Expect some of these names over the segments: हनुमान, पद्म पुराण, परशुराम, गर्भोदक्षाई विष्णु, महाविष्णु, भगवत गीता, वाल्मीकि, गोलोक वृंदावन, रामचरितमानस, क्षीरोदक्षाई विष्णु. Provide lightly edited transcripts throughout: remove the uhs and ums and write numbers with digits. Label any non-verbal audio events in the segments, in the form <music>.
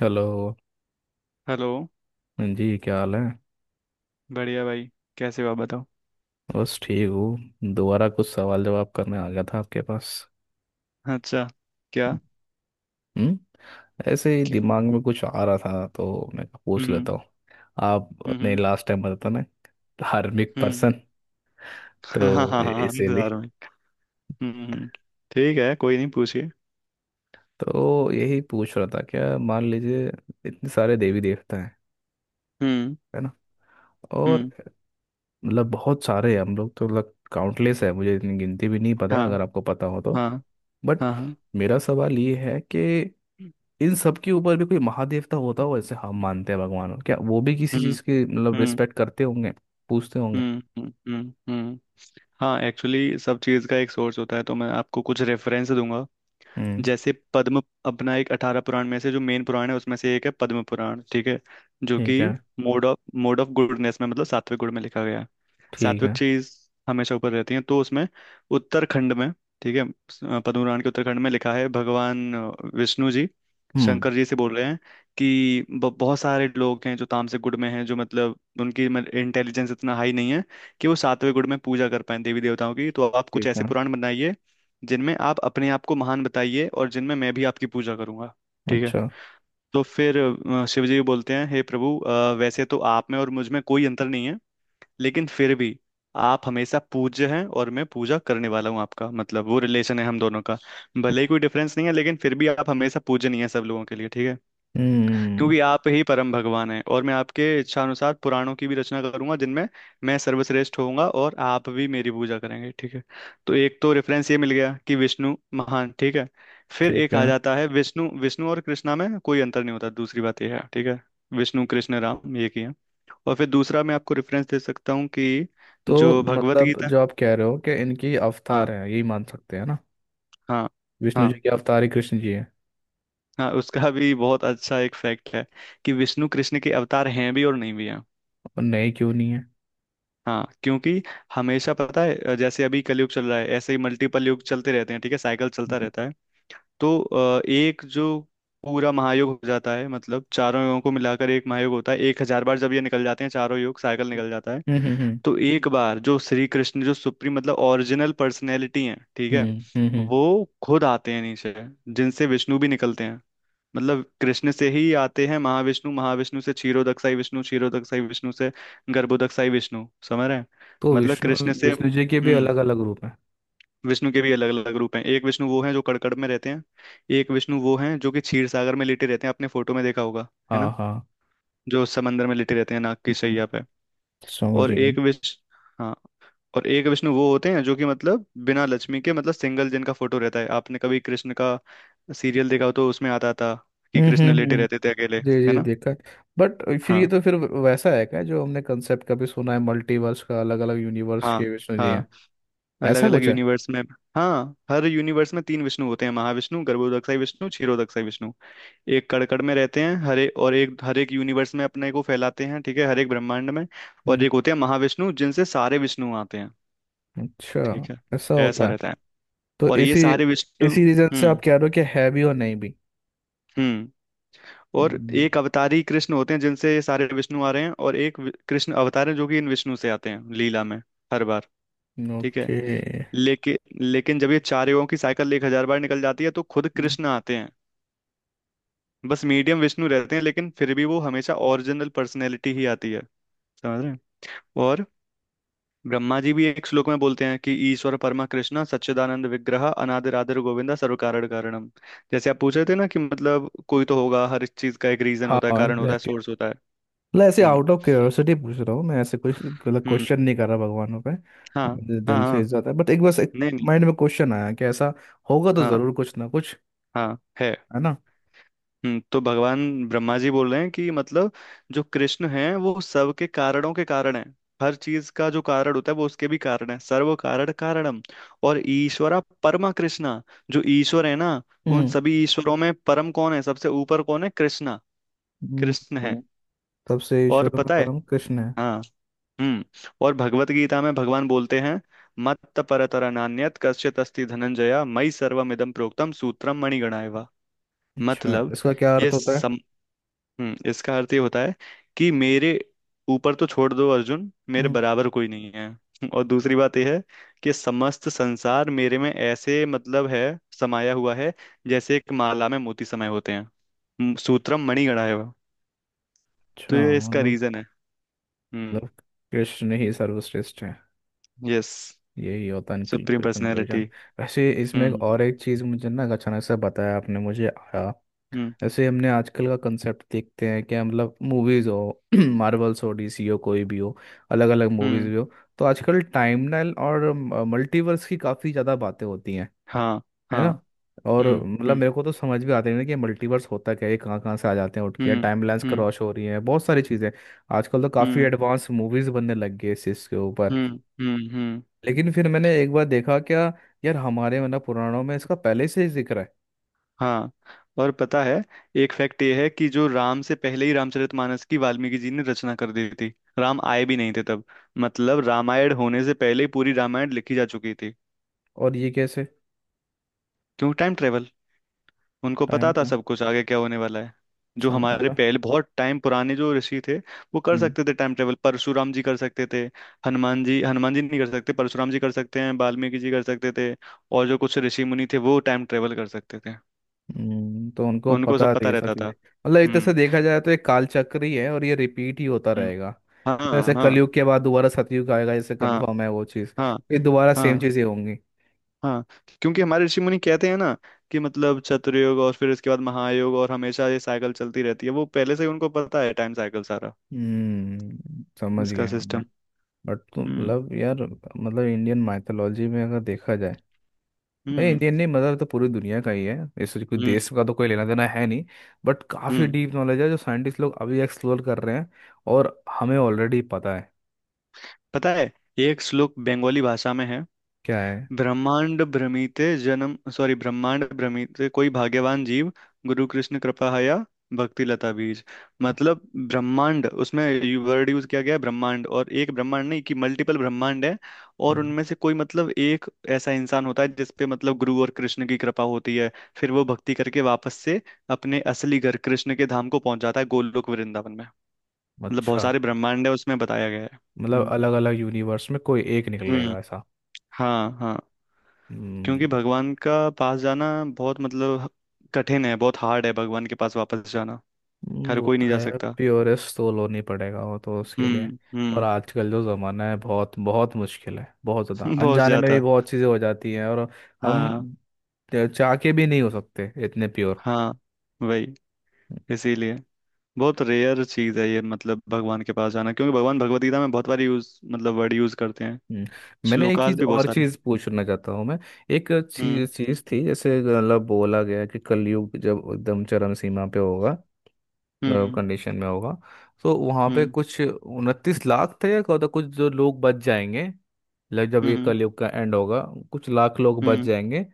Hello. Hello. हाँ जी, क्या हाल है? बढ़िया भाई। कैसे हो आप बताओ। बस ठीक हूँ। दोबारा कुछ सवाल जवाब करने आ गया था आपके पास। अच्छा। क्या। हम्म। ऐसे ही कि- दिमाग में कुछ आ रहा था तो मैं कहा पूछ हम्म। लेता हूँ। आप अपने हम्म। लास्ट टाइम बताता ना, धार्मिक हम्म। पर्सन। हाँ हाँ तो हाँ हाँ, इसीलिए। इंतजार <laughs> में। हम्म। ठीक है, कोई नहीं, पूछिए। तो यही पूछ रहा था। क्या मान लीजिए, इतने सारे देवी देवता हैं, हम्म है ना? और हम्म। मतलब बहुत सारे हैं, हम लोग तो लग काउंटलेस है, मुझे इतनी गिनती भी नहीं पता है, हाँ अगर आपको पता हो तो। हाँ बट हाँ हाँ। मेरा सवाल ये है कि इन सब के ऊपर भी कोई महादेवता होता हो, ऐसे हम मानते हैं भगवान को। क्या वो भी किसी हम्म चीज़ की मतलब हम्म। रिस्पेक्ट करते होंगे? पूछते होंगे? हम्म। हम्म हम्म। हाँ, एक्चुअली सब चीज़ का एक सोर्स होता है, तो मैं आपको कुछ रेफरेंस दूंगा। हम्म। जैसे पद्म, अपना एक 18 पुराण में से जो मेन पुराण है उसमें से एक है पद्म पुराण, ठीक है। जो कि ठीक है। मोड ऑफ गुडनेस में, मतलब सात्विक गुण में लिखा गया है। ठीक सात्विक है। चीज हमेशा ऊपर रहती है, तो उसमें उत्तराखंड में, ठीक है। पद्म पुराण के उत्तराखंड में लिखा है भगवान विष्णु जी हम्म। शंकर जी से बोल रहे हैं कि बहुत सारे लोग हैं जो तामसिक गुण में हैं, जो मतलब उनकी इंटेलिजेंस इतना हाई नहीं है कि वो सातवें गुण में पूजा कर पाए देवी देवताओं की, तो आप कुछ ठीक ऐसे है। पुराण बनाइए जिनमें आप अपने आप को महान बताइए और जिनमें मैं भी आपकी पूजा करूंगा, ठीक है। अच्छा। तो फिर शिव जी बोलते हैं, हे प्रभु, वैसे तो आप में और मुझ में कोई अंतर नहीं है, लेकिन फिर भी आप हमेशा पूज्य हैं और मैं पूजा करने वाला हूँ आपका, मतलब वो रिलेशन है हम दोनों का। भले ही कोई डिफरेंस नहीं है लेकिन फिर भी आप हमेशा पूजनीय है सब लोगों के लिए, ठीक है। हम्म। क्योंकि आप ही परम भगवान हैं, और मैं आपके इच्छानुसार पुराणों की भी रचना करूंगा जिनमें मैं सर्वश्रेष्ठ होऊंगा और आप भी मेरी पूजा करेंगे, ठीक है। तो एक तो रेफरेंस ये मिल गया कि विष्णु महान, ठीक है। फिर ठीक एक है। आ जाता है, विष्णु विष्णु और कृष्णा में कोई अंतर नहीं होता, दूसरी बात यह है, ठीक है। विष्णु कृष्ण राम एक ही है। और फिर दूसरा मैं आपको रेफरेंस दे सकता हूँ कि तो जो भगवत मतलब गीता। जो आप कह रहे हो कि इनकी हाँ। अवतार है, यही मान सकते हैं ना? हाँ। विष्णु हाँ जी के अवतार ही कृष्ण जी है। हाँ। उसका भी बहुत अच्छा एक फैक्ट है कि विष्णु कृष्ण के अवतार हैं भी और नहीं भी हैं। और नहीं क्यों नहीं है? हाँ, क्योंकि हमेशा पता है, जैसे अभी कलयुग चल रहा है, ऐसे ही मल्टीपल युग चलते रहते हैं, ठीक है। साइकिल चलता हम्म रहता है। तो एक जो पूरा महायुग हो जाता है, मतलब चारों युगों को मिलाकर एक महायुग होता है, 1,000 बार जब ये निकल जाते हैं चारों युग, साइकिल निकल जाता है। हम्म। तो एक बार जो श्री कृष्ण, जो सुप्रीम मतलब ओरिजिनल पर्सनैलिटी है, ठीक है, हम्म, हम्म, हम्म। वो खुद आते हैं नीचे, जिनसे विष्णु भी निकलते हैं, मतलब कृष्ण से ही आते हैं महाविष्णु, महाविष्णु से क्षीरोदक्षाई विष्णु, क्षीरोदक्षाई विष्णु से गर्भोदक्षाई विष्णु, समझ रहे हैं। तो मतलब विष्णु। कृष्ण से। विष्णु जी के भी हम्म। अलग अलग रूप हैं। विष्णु के भी अलग अलग रूप हैं। एक विष्णु वो हैं जो कड़कड़ में रहते हैं, एक विष्णु वो हैं जो कि क्षीर सागर में लेटे रहते हैं, आपने फोटो में देखा होगा, है हाँ ना। हाँ। जो समंदर में लेटे रहते हैं नाग की शैया हम्म, पे। समझ और गए। एक विष हाँ, और एक विष्णु वो होते हैं जो कि मतलब बिना लक्ष्मी के, मतलब सिंगल, जिनका फोटो रहता है। आपने कभी कृष्ण का सीरियल देखा हो तो उसमें आता था कि हम्म कृष्ण हम्म लेटे हम्म। रहते थे अकेले, जी है जी ना। देखा है। बट फिर ये हाँ तो फिर वैसा है क्या, जो हमने कंसेप्ट कभी सुना है मल्टीवर्स का, अलग अलग यूनिवर्स हाँ के विष्णु जी हैं? हाँ। अलग ऐसा अलग कुछ है? यूनिवर्स में। हाँ, हर यूनिवर्स में तीन विष्णु होते हैं, महाविष्णु, गर्भोदक्षाई विष्णु, क्षीरोदक्षाई विष्णु। एक कड़कड़ में रहते हैं हरे, और एक हर एक यूनिवर्स में अपने को फैलाते हैं, ठीक है, हर एक ब्रह्मांड में। और हम्म। एक होते हैं महाविष्णु जिनसे सारे विष्णु आते हैं, अच्छा। ठीक है। ऐसा ऐसा होता है? रहता है। तो और ये इसी सारे विष्णु। इसी रीजन से आप हम्म। कह रहे हो कि है भी और नहीं भी? हम्म। और हम्म। एक अवतारी कृष्ण होते हैं जिनसे ये सारे विष्णु आ रहे हैं, और एक कृष्ण अवतार है जो कि इन विष्णु से आते हैं लीला में, हर बार, ठीक है। ओके। हम्म। लेकिन लेकिन जब ये चार युगों की साइकिल 1,000 बार निकल जाती है तो खुद कृष्ण आते हैं, बस मीडियम विष्णु रहते हैं, लेकिन फिर भी वो हमेशा ओरिजिनल पर्सनैलिटी ही आती है, समझ रहे हैं। और ब्रह्मा जी भी एक श्लोक में बोलते हैं कि ईश्वर परमा कृष्णा सच्चिदानंद विग्रह अनादिर आदिर गोविंदा सर्व कारण कारणम। जैसे आप पूछ रहे थे ना कि मतलब कोई तो होगा, हर इस चीज का एक रीजन हाँ होता है, कारण होता है, एग्जैक्टली। सोर्स होता है। मतलब ऐसे हम्म आउट ऑफ क्यूरियोसिटी पूछ रहा हूँ मैं, ऐसे कुछ मतलब हम्म। क्वेश्चन नहीं कर रहा भगवानों पे। हाँ अपने हाँ दिल से हाँ। इज्जत है। बट एक बस एक नहीं नहीं। माइंड में क्वेश्चन आया कि ऐसा होगा तो हाँ जरूर कुछ ना कुछ। हाँ है। है ना? तो भगवान ब्रह्मा जी बोल रहे हैं कि मतलब जो कृष्ण हैं वो सबके कारणों के कारण हैं, हर चीज का जो कारण होता है वो उसके भी कारण है, सर्व कारण कारणम। और ईश्वरा परमा कृष्णा, जो ईश्वर है ना, उन हम्म। सभी ईश्वरों में परम कौन है, सबसे ऊपर कौन है, कृष्णा। कृष्ण है। हम्म, तब से और ईश्वर में पता है। परम कृष्ण है। हाँ। हम्म। और भगवत गीता में भगवान बोलते हैं, मत्त परतरा नान्यत कश्चित अस्ति धनंजया मयि सर्वमिदं प्रोक्तम सूत्रम मणिगणाय वा। अच्छा, मतलब इसका क्या ये। अर्थ होता है? हम्म, इसका अर्थ ये होता है कि मेरे ऊपर तो छोड़ दो अर्जुन, मेरे हम्म। बराबर कोई नहीं है। <laughs> और दूसरी बात यह है कि समस्त संसार मेरे में ऐसे मतलब है, समाया हुआ है, जैसे एक माला में मोती समाये होते हैं। सूत्रम मणिगणा है वह। तो अच्छा, ये इसका मतलब। रीजन है। हम्म। मतलब कृष्ण ही सर्वश्रेष्ठ है। यस, यही होता है सुप्रीम पर्सनैलिटी। कंक्लूजन। वैसे इसमें एक हम्म और एक चीज़ मुझे ना अचानक से बताया आपने मुझे आया। हम्म ऐसे हमने आजकल का कंसेप्ट देखते हैं कि मतलब मूवीज़ हो, <clears throat> मार्वल्स हो, डीसी हो, कोई भी हो, अलग अलग मूवीज़ हम्म। भी हो, तो आजकल टाइमलाइन और मल्टीवर्स की काफ़ी ज़्यादा बातें होती हैं, हाँ है हाँ। ना? और हम्म मतलब हम्म मेरे को तो समझ भी आते नहीं ना कि मल्टीवर्स होता क्या है, ये कहाँ कहाँ से आ जाते हैं उठ के, हम्म टाइमलाइंस हम्म। क्रॉस हो रही हैं, बहुत सारी चीज़ें। आजकल तो काफ़ी हम्म एडवांस मूवीज बनने लग गई इस चीज़ के ऊपर। हम्म। लेकिन फिर मैंने एक बार देखा क्या यार, हमारे मतलब पुराणों में इसका पहले से ही जिक्र है। हाँ, और पता है। एक फैक्ट ये है कि जो राम से पहले ही रामचरितमानस की वाल्मीकि जी ने रचना कर दी थी, राम आए भी नहीं थे तब, मतलब रामायण होने से पहले ही पूरी रामायण लिखी जा चुकी थी। और ये कैसे? क्यों, टाइम ट्रेवल। उनको टाइम पता था टाइम। सब कुछ आगे क्या होने वाला है। जो अच्छा हमारे मतलब। पहले बहुत टाइम पुराने जो ऋषि थे वो कर हम्म। सकते थे टाइम ट्रेवल। परशुराम जी कर सकते थे, हनुमान जी नहीं कर सकते, परशुराम जी कर सकते हैं, वाल्मीकि जी कर सकते थे, और जो कुछ ऋषि मुनि थे वो टाइम ट्रेवल कर सकते थे। तो उनको उनको सब पता थी पता ये सब रहता चीज़ें, था। मतलब एक तरह से हम्म देखा जाए तो एक कालचक्र ही है और ये रिपीट ही होता हम्म। रहेगा। हाँ ऐसे हाँ कलयुग के बाद दोबारा सतयुग आएगा, जैसे हाँ। कन्फर्म है वो चीज़? हाँ ये दोबारा सेम हाँ चीज़ें होंगी? हाँ। क्योंकि हमारे ऋषि मुनि कहते हैं ना कि मतलब चतुर्युग, और फिर इसके बाद महायोग, और हमेशा ये साइकिल चलती रहती है, वो पहले से ही उनको पता है टाइम साइकिल सारा, हम्म, समझ इसका गया मैं। सिस्टम। बट तुम हम्म मतलब यार, मतलब इंडियन माइथोलॉजी में अगर देखा जाए, भाई हम्म। इंडियन नहीं, मतलब तो पूरी दुनिया का ही है, इससे कोई हम्म देश का तो कोई लेना देना है नहीं। बट काफ़ी हम्म। डीप नॉलेज है जो साइंटिस्ट लोग अभी एक्सप्लोर कर रहे हैं और हमें ऑलरेडी पता है। पता है, एक श्लोक बंगाली भाषा में है, क्या है? ब्रह्मांड भ्रमिते जन्म सॉरी ब्रह्मांड भ्रमिते कोई भाग्यवान जीव, गुरु कृष्ण कृपा हया, भक्ति लता बीज। मतलब ब्रह्मांड, उसमें वर्ड यूज किया गया है ब्रह्मांड, और एक ब्रह्मांड नहीं कि मल्टीपल ब्रह्मांड है, और हम्म। उनमें से कोई मतलब एक ऐसा इंसान होता है जिसपे मतलब गुरु और कृष्ण की कृपा होती है, फिर वो भक्ति करके वापस से अपने असली घर कृष्ण के धाम को पहुंच जाता है गोलोक वृंदावन में। मतलब बहुत अच्छा, सारे ब्रह्मांड है, उसमें बताया गया है। मतलब हम्म अलग अलग यूनिवर्स में कोई एक हम्म। निकलेगा, ऐसा? हाँ हाँ, क्योंकि हम्म। भगवान का पास जाना बहुत मतलब कठिन है, बहुत हार्ड है भगवान के पास वापस जाना, हर वो कोई तो नहीं जा है सकता। प्योरेस्ट, तो लोन ही पड़ेगा वो तो उसके लिए। और हम्म। आजकल जो ज़माना है बहुत बहुत मुश्किल है, बहुत ज़्यादा <laughs> बहुत अनजाने में भी ज्यादा। बहुत चीज़ें हो जाती हैं और हम हाँ। चाह के भी नहीं हो सकते इतने प्योर। हाँ वही, इसीलिए बहुत रेयर चीज है ये मतलब भगवान के पास जाना, क्योंकि भगवान भगवत गीता में बहुत बार यूज मतलब वर्ड यूज करते हैं, हम्म, मैंने एक श्लोकास चीज भी बहुत और सारे हैं। चीज पूछना चाहता हूँ मैं। एक हम्म चीज चीज थी जैसे मतलब बोला गया कि कलयुग जब एकदम चरम सीमा पे होगा, हम्म कंडीशन में होगा, तो वहाँ पे हम्म कुछ 29 लाख थे या क्या होता कुछ, जो लोग बच जाएंगे। लाइक जब ये हम्म। कलयुग का एंड होगा, कुछ लाख लोग बच हम्म जाएंगे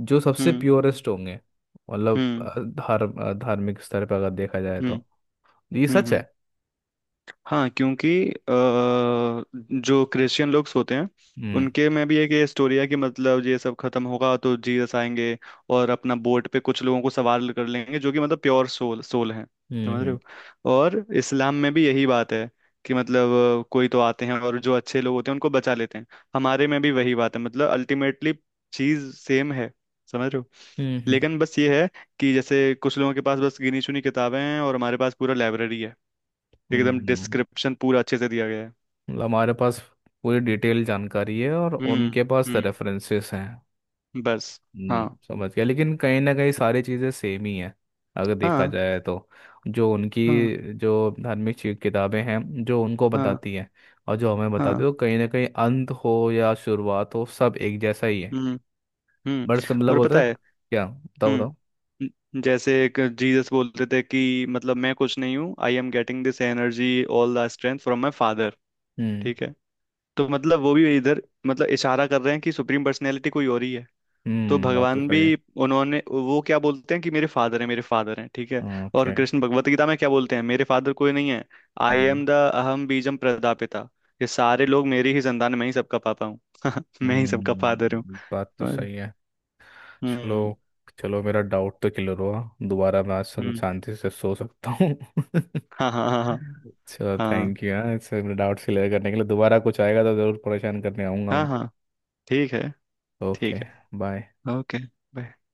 जो सबसे हम्म प्योरेस्ट होंगे। मतलब हम्म धार्मिक स्तर पर अगर देखा जाए हम्म। तो, ये सच है? हम्म। हाँ, क्योंकि जो क्रिश्चियन लोग होते हैं हम्म उनके में भी एक ये स्टोरी है कि मतलब ये सब खत्म होगा तो जीसस आएंगे और अपना बोट पे कुछ लोगों को सवार कर लेंगे जो कि मतलब प्योर सोल सोल हैं, हम्म समझ रहे हम्म हो। और इस्लाम में भी यही बात है कि मतलब कोई तो आते हैं और जो अच्छे लोग होते हैं उनको बचा लेते हैं, हमारे में भी वही बात है मतलब अल्टीमेटली चीज सेम है, समझ रहे हो। हम्म हम्म, हम्म। लेकिन बस ये है कि जैसे कुछ लोगों के पास बस गिनी चुनी किताबें हैं, और हमारे पास पूरा लाइब्रेरी है, हम्म, एकदम हम्म। डिस्क्रिप्शन पूरा अच्छे से दिया गया है। मतलब हमारे पास पूरी डिटेल जानकारी है और हम्म उनके पास हम्म। रेफरेंसेस हैं। बस। हाँ समझ गया। लेकिन कहीं ना कहीं सारी चीज़ें सेम ही हैं अगर देखा हाँ जाए तो, जो उनकी हाँ जो धार्मिक किताबें हैं, जो उनको हाँ बताती हैं और जो हमें बताती हाँ। है, तो कहीं ना कहीं अंत हो या शुरुआत हो सब एक जैसा ही है। हम्म हम्म। बट मतलब और बोलते पता हैं ना, है। क्या बताओ बताओ। हम्म। जैसे एक जीसस बोलते थे कि मतलब मैं कुछ नहीं हूँ, I am getting this energy all the strength from my father, हम्म ठीक है। तो मतलब वो भी इधर मतलब इशारा कर रहे हैं कि सुप्रीम पर्सनैलिटी कोई और ही है। तो हम्म, बात तो भगवान भी, सही है। उन्होंने वो क्या बोलते हैं कि मेरे फादर हैं, मेरे फादर हैं, ठीक है। और ओके। कृष्ण भगवत गीता में क्या बोलते हैं, मेरे फादर कोई नहीं है। आई हम्म एम द अहम बीजम प्रदापिता, ये सारे लोग मेरी ही संतान, मैं ही सबका पापा हूँ। <laughs> मैं ही सबका फादर हूँ, हम्म, बात तो समझ रहे? सही है। चलो हम्म चलो, मेरा डाउट तो क्लियर हुआ। दोबारा मैं आज हम्म। शांति से सो सकता हूँ। <laughs> हाँ हाँ हाँ हाँ अच्छा, हाँ थैंक यू। हाँ, इस डाउट्स क्लियर करने के लिए दोबारा कुछ आएगा तो ज़रूर परेशान करने आऊँगा हाँ मैं। हाँ। ठीक है। ठीक ओके। बाय। है। ओके।